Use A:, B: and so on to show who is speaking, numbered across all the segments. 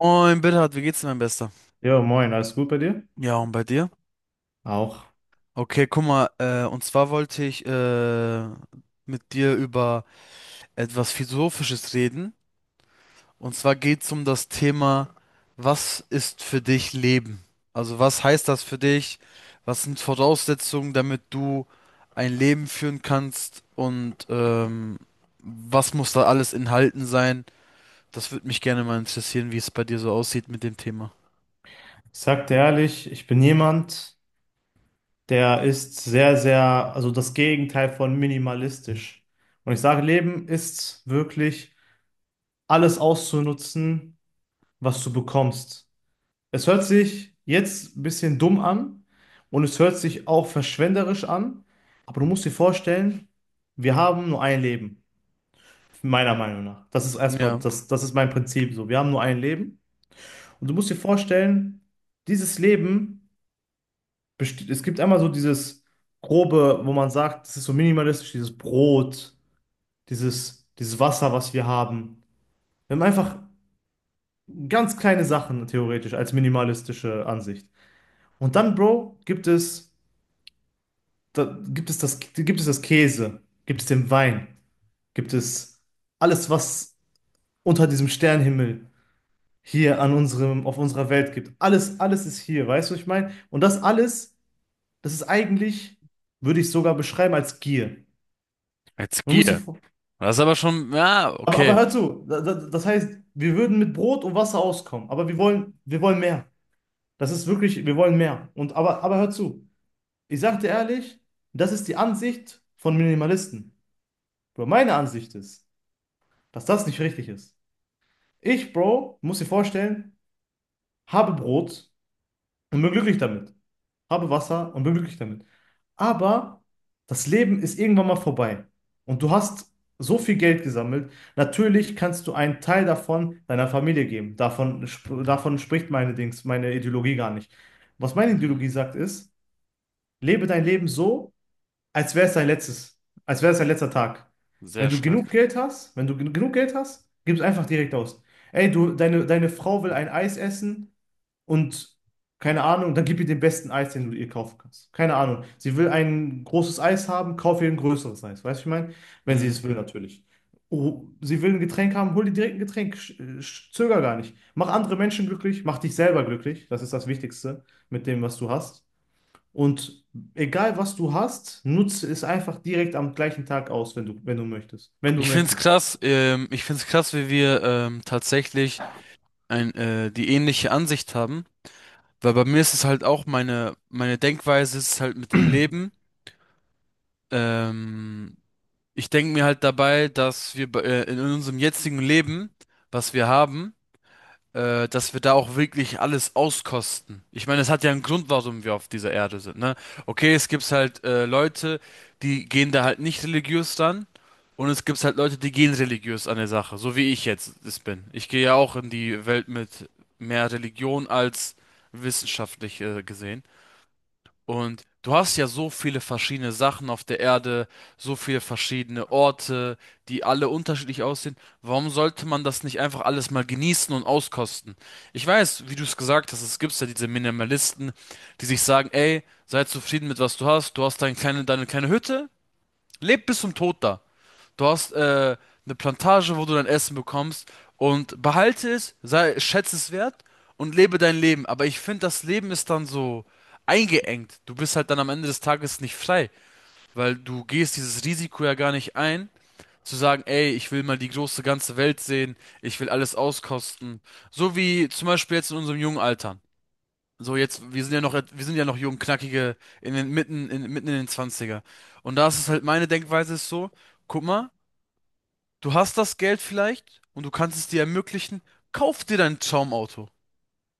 A: Moin, Bernhard, wie geht's dir, mein Bester?
B: Jo, moin, alles gut bei dir?
A: Ja, und bei dir?
B: Auch.
A: Okay, guck mal, und zwar wollte ich mit dir über etwas Philosophisches reden. Und zwar geht's um das Thema, was ist für dich Leben? Also was heißt das für dich? Was sind Voraussetzungen, damit du ein Leben führen kannst? Und was muss da alles enthalten sein? Das würde mich gerne mal interessieren, wie es bei dir so aussieht mit dem Thema.
B: Ich sag dir ehrlich, ich bin jemand, der ist sehr, sehr, also das Gegenteil von minimalistisch. Und ich sage, Leben ist wirklich alles auszunutzen, was du bekommst. Es hört sich jetzt ein bisschen dumm an und es hört sich auch verschwenderisch an, aber du musst dir vorstellen, wir haben nur ein Leben, meiner Meinung nach. Das ist erstmal,
A: Ja.
B: das ist mein Prinzip so. Wir haben nur ein Leben und du musst dir vorstellen, dieses Leben es gibt einmal so dieses grobe, wo man sagt, das ist so minimalistisch, dieses Brot, dieses Wasser, was wir haben. Wir haben einfach ganz kleine Sachen theoretisch als minimalistische Ansicht. Und dann, Bro, gibt es das Käse, gibt es den Wein, gibt es alles, was unter diesem Sternenhimmel hier an unserem, auf unserer Welt gibt. Alles, alles ist hier, weißt du, was ich meine? Und das alles, das ist eigentlich, würde ich sogar beschreiben als Gier.
A: Jetzt
B: Man muss
A: geh.
B: sich,
A: Das ist aber schon, ja,
B: aber
A: okay.
B: hör zu, das heißt, wir würden mit Brot und Wasser auskommen, aber wir wollen mehr. Das ist wirklich, wir wollen mehr. Aber hör zu, ich sag dir ehrlich, das ist die Ansicht von Minimalisten. Bro, meine Ansicht ist, dass das nicht richtig ist. Ich, Bro, muss dir vorstellen, habe Brot und bin glücklich damit. Habe Wasser und bin glücklich damit. Aber das Leben ist irgendwann mal vorbei und du hast so viel Geld gesammelt. Natürlich kannst du einen Teil davon deiner Familie geben. Davon spricht meine Dings, meine Ideologie gar nicht. Was meine Ideologie
A: Mhm.
B: sagt ist, lebe dein Leben so, als wäre es dein letztes, als wäre es dein letzter Tag.
A: Sehr
B: Wenn du
A: stark.
B: genug Geld hast, wenn du gen- genug Geld hast, gib es einfach direkt aus. Ey, du, deine Frau will ein Eis essen und keine Ahnung, dann gib ihr den besten Eis, den du ihr kaufen kannst. Keine Ahnung. Sie will ein großes Eis haben, kauf ihr ein größeres Eis. Weißt du, was ich meine? Wenn sie
A: Mhm.
B: es will, natürlich. Oh, sie will ein Getränk haben, hol dir direkt ein Getränk. Zöger gar nicht. Mach andere Menschen glücklich, mach dich selber glücklich. Das ist das Wichtigste mit dem, was du hast. Und egal, was du hast, nutze es einfach direkt am gleichen Tag aus, wenn du, wenn du möchtest. Wenn du möchtest.
A: Ich find's krass, wie wir tatsächlich die ähnliche Ansicht haben. Weil bei mir ist es halt auch meine Denkweise ist halt mit dem Leben. Ähm, Ich denke mir halt dabei, dass wir in unserem jetzigen Leben, was wir haben, dass wir da auch wirklich alles auskosten. Ich meine, es hat ja einen Grund, warum wir auf dieser Erde sind, ne? Okay, es gibt halt Leute, die gehen da halt nicht religiös dann, und es gibt halt Leute, die gehen religiös an der Sache, so wie ich jetzt es bin. Ich gehe ja auch in die Welt mit mehr Religion als wissenschaftlich gesehen. Und du hast ja so viele verschiedene Sachen auf der Erde, so viele verschiedene Orte, die alle unterschiedlich aussehen. Warum sollte man das nicht einfach alles mal genießen und auskosten? Ich weiß, wie du es gesagt hast, es gibt ja diese Minimalisten, die sich sagen, ey, sei zufrieden mit was du hast deine kleine Hütte, leb bis zum Tod da. Du hast eine Plantage, wo du dein Essen bekommst und behalte es, sei, schätze es wert und lebe dein Leben. Aber ich finde, das Leben ist dann so eingeengt. Du bist halt dann am Ende des Tages nicht frei, weil du gehst dieses Risiko ja gar nicht ein, zu sagen, ey, ich will mal die große ganze Welt sehen, ich will alles auskosten. So wie zum Beispiel jetzt in unserem jungen Alter. So jetzt, wir sind ja noch jung, knackige, in den, mitten, in, mitten in den Zwanziger. Und da ist es halt, meine Denkweise ist so, guck mal, du hast das Geld vielleicht und du kannst es dir ermöglichen. Kauf dir dein Traumauto.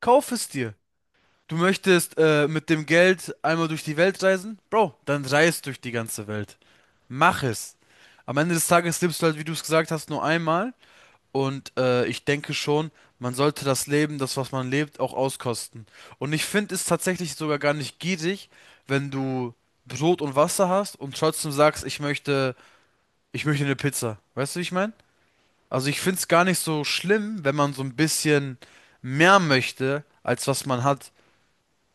A: Kauf es dir. Du möchtest mit dem Geld einmal durch die Welt reisen? Bro, dann reist durch die ganze Welt. Mach es. Am Ende des Tages lebst du halt, wie du es gesagt hast, nur einmal. Und ich denke schon, man sollte das Leben, das, was man lebt, auch auskosten. Und ich finde es tatsächlich sogar gar nicht gierig, wenn du Brot und Wasser hast und trotzdem sagst, ich möchte eine Pizza. Weißt du, wie ich meine? Also ich finde es gar nicht so schlimm, wenn man so ein bisschen mehr möchte, als was man hat.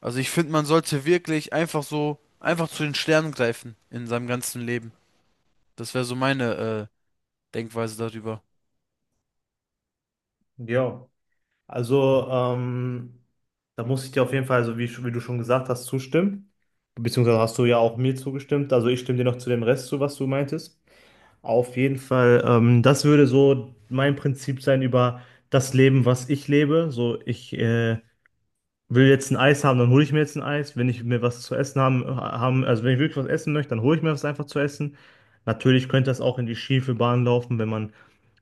A: Also ich finde, man sollte wirklich einfach so, einfach zu den Sternen greifen in seinem ganzen Leben. Das wäre so meine Denkweise darüber.
B: Ja. Also, da muss ich dir auf jeden Fall, also wie, wie du schon gesagt hast, zustimmen. Beziehungsweise hast du ja auch mir zugestimmt. Also ich stimme dir noch zu dem Rest zu, was du meintest. Auf jeden Fall, das würde so mein Prinzip sein über das Leben, was ich lebe. So, ich will jetzt ein Eis haben, dann hole ich mir jetzt ein Eis. Wenn ich mir was zu essen haben, also wenn ich wirklich was essen möchte, dann hole ich mir was einfach zu essen. Natürlich könnte das auch in die schiefe Bahn laufen, wenn man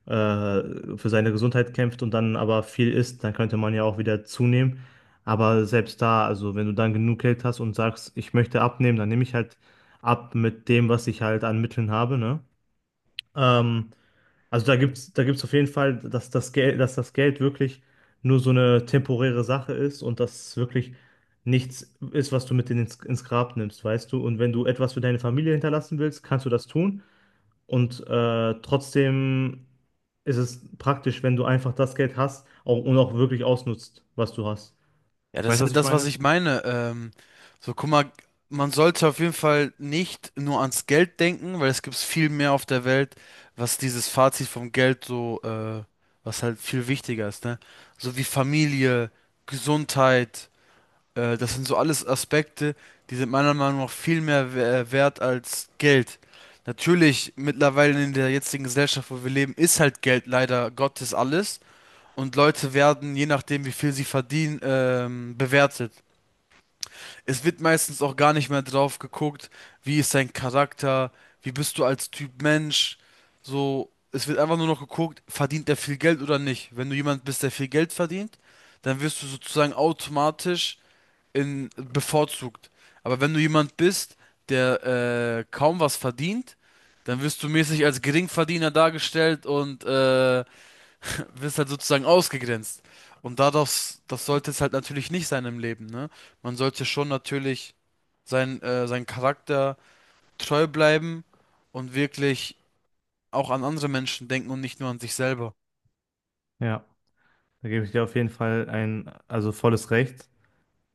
B: für seine Gesundheit kämpft und dann aber viel isst, dann könnte man ja auch wieder zunehmen. Aber selbst da, also wenn du dann genug Geld hast und sagst, ich möchte abnehmen, dann nehme ich halt ab mit dem, was ich halt an Mitteln habe, ne? Ähm, also da gibt's auf jeden Fall, dass das Geld wirklich nur so eine temporäre Sache ist und das wirklich nichts ist, was du mit ins Grab nimmst, weißt du? Und wenn du etwas für deine Familie hinterlassen willst, kannst du das tun. Trotzdem ist es praktisch, wenn du einfach das Geld hast auch, und auch wirklich ausnutzt, was du hast.
A: Ja, das
B: Weißt
A: ist
B: du, was
A: halt
B: ich
A: das, was
B: meine?
A: ich meine. So, guck mal, man sollte auf jeden Fall nicht nur ans Geld denken, weil es gibt viel mehr auf der Welt, was dieses Fazit vom Geld so, was halt viel wichtiger ist, ne? So wie Familie, Gesundheit. Das sind so alles Aspekte, die sind meiner Meinung nach viel mehr wert als Geld. Natürlich, mittlerweile in der jetzigen Gesellschaft, wo wir leben, ist halt Geld leider Gottes alles. Und Leute werden, je nachdem, wie viel sie verdienen, bewertet. Es wird meistens auch gar nicht mehr drauf geguckt, wie ist dein Charakter, wie bist du als Typ Mensch. So, es wird einfach nur noch geguckt, verdient er viel Geld oder nicht. Wenn du jemand bist, der viel Geld verdient, dann wirst du sozusagen automatisch bevorzugt. Aber wenn du jemand bist, der kaum was verdient, dann wirst du mäßig als Geringverdiener dargestellt und wirst halt sozusagen ausgegrenzt. Und das sollte es halt natürlich nicht sein im Leben, ne? Man sollte schon natürlich sein Charakter treu bleiben und wirklich auch an andere Menschen denken und nicht nur an sich selber.
B: Ja, da gebe ich dir auf jeden Fall ein, also volles Recht.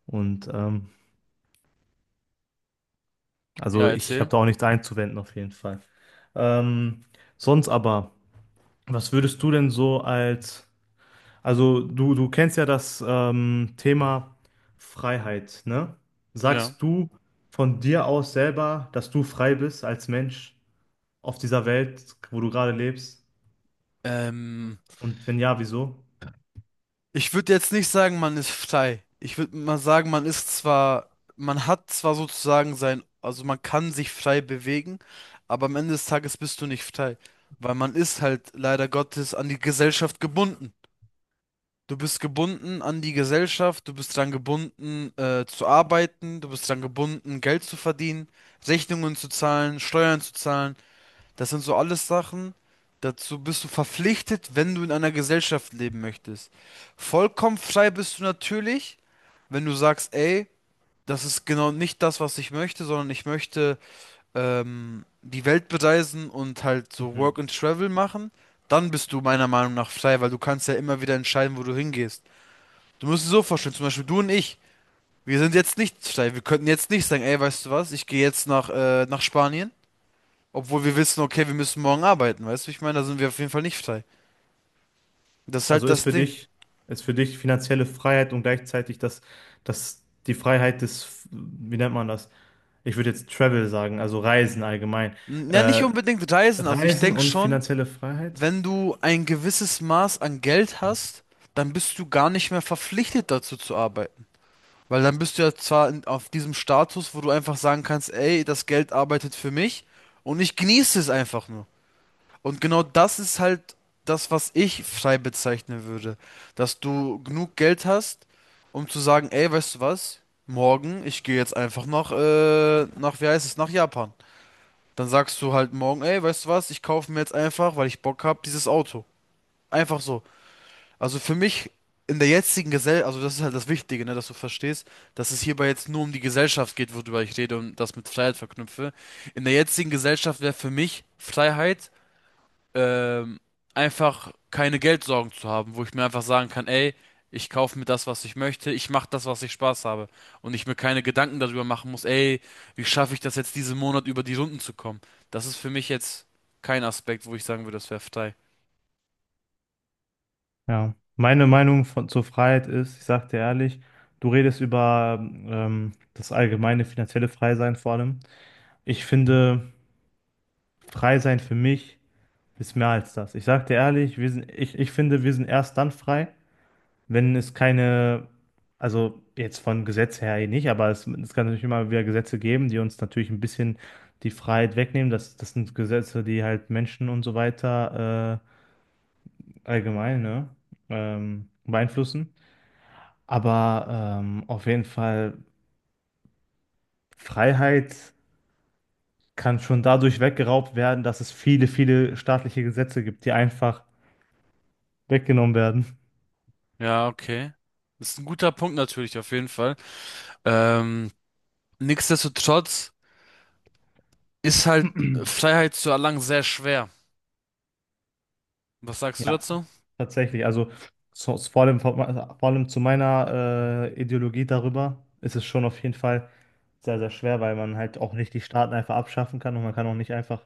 B: Und also
A: Ja,
B: ich habe
A: erzähl.
B: da auch nichts einzuwenden, auf jeden Fall. Ähm, sonst aber, was würdest du denn so als, also du kennst ja das Thema Freiheit, ne?
A: Ja.
B: Sagst du von dir aus selber, dass du frei bist als Mensch? Auf dieser Welt, wo du gerade lebst?
A: Ähm,
B: Und wenn ja, wieso?
A: ich würde jetzt nicht sagen, man ist frei. Ich würde mal sagen, man hat zwar sozusagen sein, also man kann sich frei bewegen, aber am Ende des Tages bist du nicht frei, weil man ist halt leider Gottes an die Gesellschaft gebunden. Du bist gebunden an die Gesellschaft, du bist dran gebunden, zu arbeiten, du bist dran gebunden, Geld zu verdienen, Rechnungen zu zahlen, Steuern zu zahlen. Das sind so alles Sachen, dazu bist du verpflichtet, wenn du in einer Gesellschaft leben möchtest. Vollkommen frei bist du natürlich, wenn du sagst, ey, das ist genau nicht das, was ich möchte, sondern ich möchte die Welt bereisen und halt so
B: Mhm.
A: Work and Travel machen. Dann bist du meiner Meinung nach frei, weil du kannst ja immer wieder entscheiden, wo du hingehst. Du musst es so vorstellen, zum Beispiel du und ich. Wir sind jetzt nicht frei. Wir könnten jetzt nicht sagen, ey, weißt du was, ich gehe jetzt nach Spanien. Obwohl wir wissen, okay, wir müssen morgen arbeiten, weißt du? Ich meine, da sind wir auf jeden Fall nicht frei. Das ist
B: Also
A: halt das Ding.
B: ist für dich finanzielle Freiheit und gleichzeitig das, das, die Freiheit des, wie nennt man das? Ich würde jetzt Travel sagen, also Reisen allgemein.
A: N- Ja, nicht
B: Äh,
A: unbedingt reisen. Also ich
B: Reisen
A: denke
B: und
A: schon,
B: finanzielle Freiheit?
A: wenn du ein gewisses Maß an Geld hast, dann bist du gar nicht mehr verpflichtet dazu zu arbeiten. Weil dann bist du ja zwar in, auf diesem Status, wo du einfach sagen kannst, ey, das Geld arbeitet für mich und ich genieße es einfach nur. Und genau das ist halt das, was ich frei bezeichnen würde. Dass du genug Geld hast, um zu sagen, ey, weißt du was? Morgen, ich gehe jetzt einfach wie heißt es, nach Japan. Dann sagst du halt morgen, ey, weißt du was? Ich kaufe mir jetzt einfach, weil ich Bock habe, dieses Auto. Einfach so. Also für mich in der jetzigen Gesellschaft, also das ist halt das Wichtige, ne, dass du verstehst, dass es hierbei jetzt nur um die Gesellschaft geht, worüber ich rede und das mit Freiheit verknüpfe. In der jetzigen Gesellschaft wäre für mich Freiheit ähm, einfach keine Geldsorgen zu haben, wo ich mir einfach sagen kann, ey, ich kaufe mir das, was ich möchte, ich mache das, was ich Spaß habe und ich mir keine Gedanken darüber machen muss, ey, wie schaffe ich das jetzt diesen Monat über die Runden zu kommen? Das ist für mich jetzt kein Aspekt, wo ich sagen würde, das wäre frei.
B: Ja. Meine Meinung von, zur Freiheit ist, ich sag dir ehrlich, du redest über das allgemeine finanzielle Freisein vor allem. Ich finde, Freisein für mich. Ist mehr als das. Ich sag dir ehrlich, wir sind, ich finde, wir sind erst dann frei, wenn es keine, also jetzt von Gesetz her eh nicht, aber es kann natürlich immer wieder Gesetze geben, die uns natürlich ein bisschen die Freiheit wegnehmen. Das sind Gesetze, die halt Menschen und so weiter allgemein, ne, beeinflussen. Aber auf jeden Fall, Freiheit kann schon dadurch weggeraubt werden, dass es viele, viele staatliche Gesetze gibt, die einfach weggenommen
A: Ja, okay. Das ist ein guter Punkt natürlich, auf jeden Fall. Ähm, nichtsdestotrotz ist halt
B: werden.
A: Freiheit zu erlangen sehr schwer. Was sagst du
B: Ja.
A: dazu?
B: Tatsächlich, also so, vor allem zu meiner Ideologie darüber ist es schon auf jeden Fall sehr, sehr schwer, weil man halt auch nicht die Staaten einfach abschaffen kann und man kann auch nicht einfach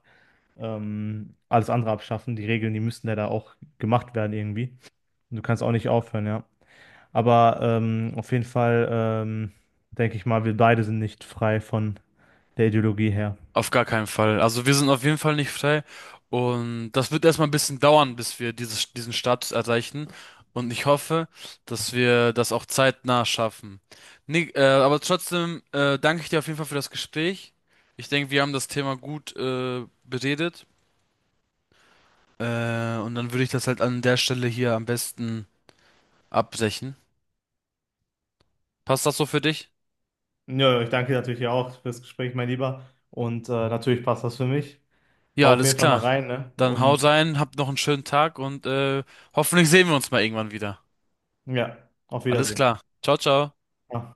B: alles andere abschaffen. Die Regeln, die müssten ja da auch gemacht werden irgendwie. Und du kannst auch nicht aufhören, ja. Aber auf jeden Fall denke ich mal, wir beide sind nicht frei von der Ideologie her.
A: Auf gar keinen Fall. Also wir sind auf jeden Fall nicht frei. Und das wird erstmal ein bisschen dauern, bis diesen Status erreichen. Und ich hoffe, dass wir das auch zeitnah schaffen. Nick, aber trotzdem danke ich dir auf jeden Fall für das Gespräch. Ich denke, wir haben das Thema gut beredet. Und dann würde ich das halt an der Stelle hier am besten abbrechen. Passt das so für dich?
B: Ja, ich danke dir natürlich auch fürs Gespräch, mein Lieber. Und natürlich passt das für mich.
A: Ja,
B: Hau auf
A: alles
B: jeden Fall mal
A: klar.
B: rein, ne?
A: Dann haut
B: Und
A: rein, habt noch einen schönen Tag und hoffentlich sehen wir uns mal irgendwann wieder.
B: ja, auf
A: Alles
B: Wiedersehen.
A: klar. Ciao, ciao.
B: Ja.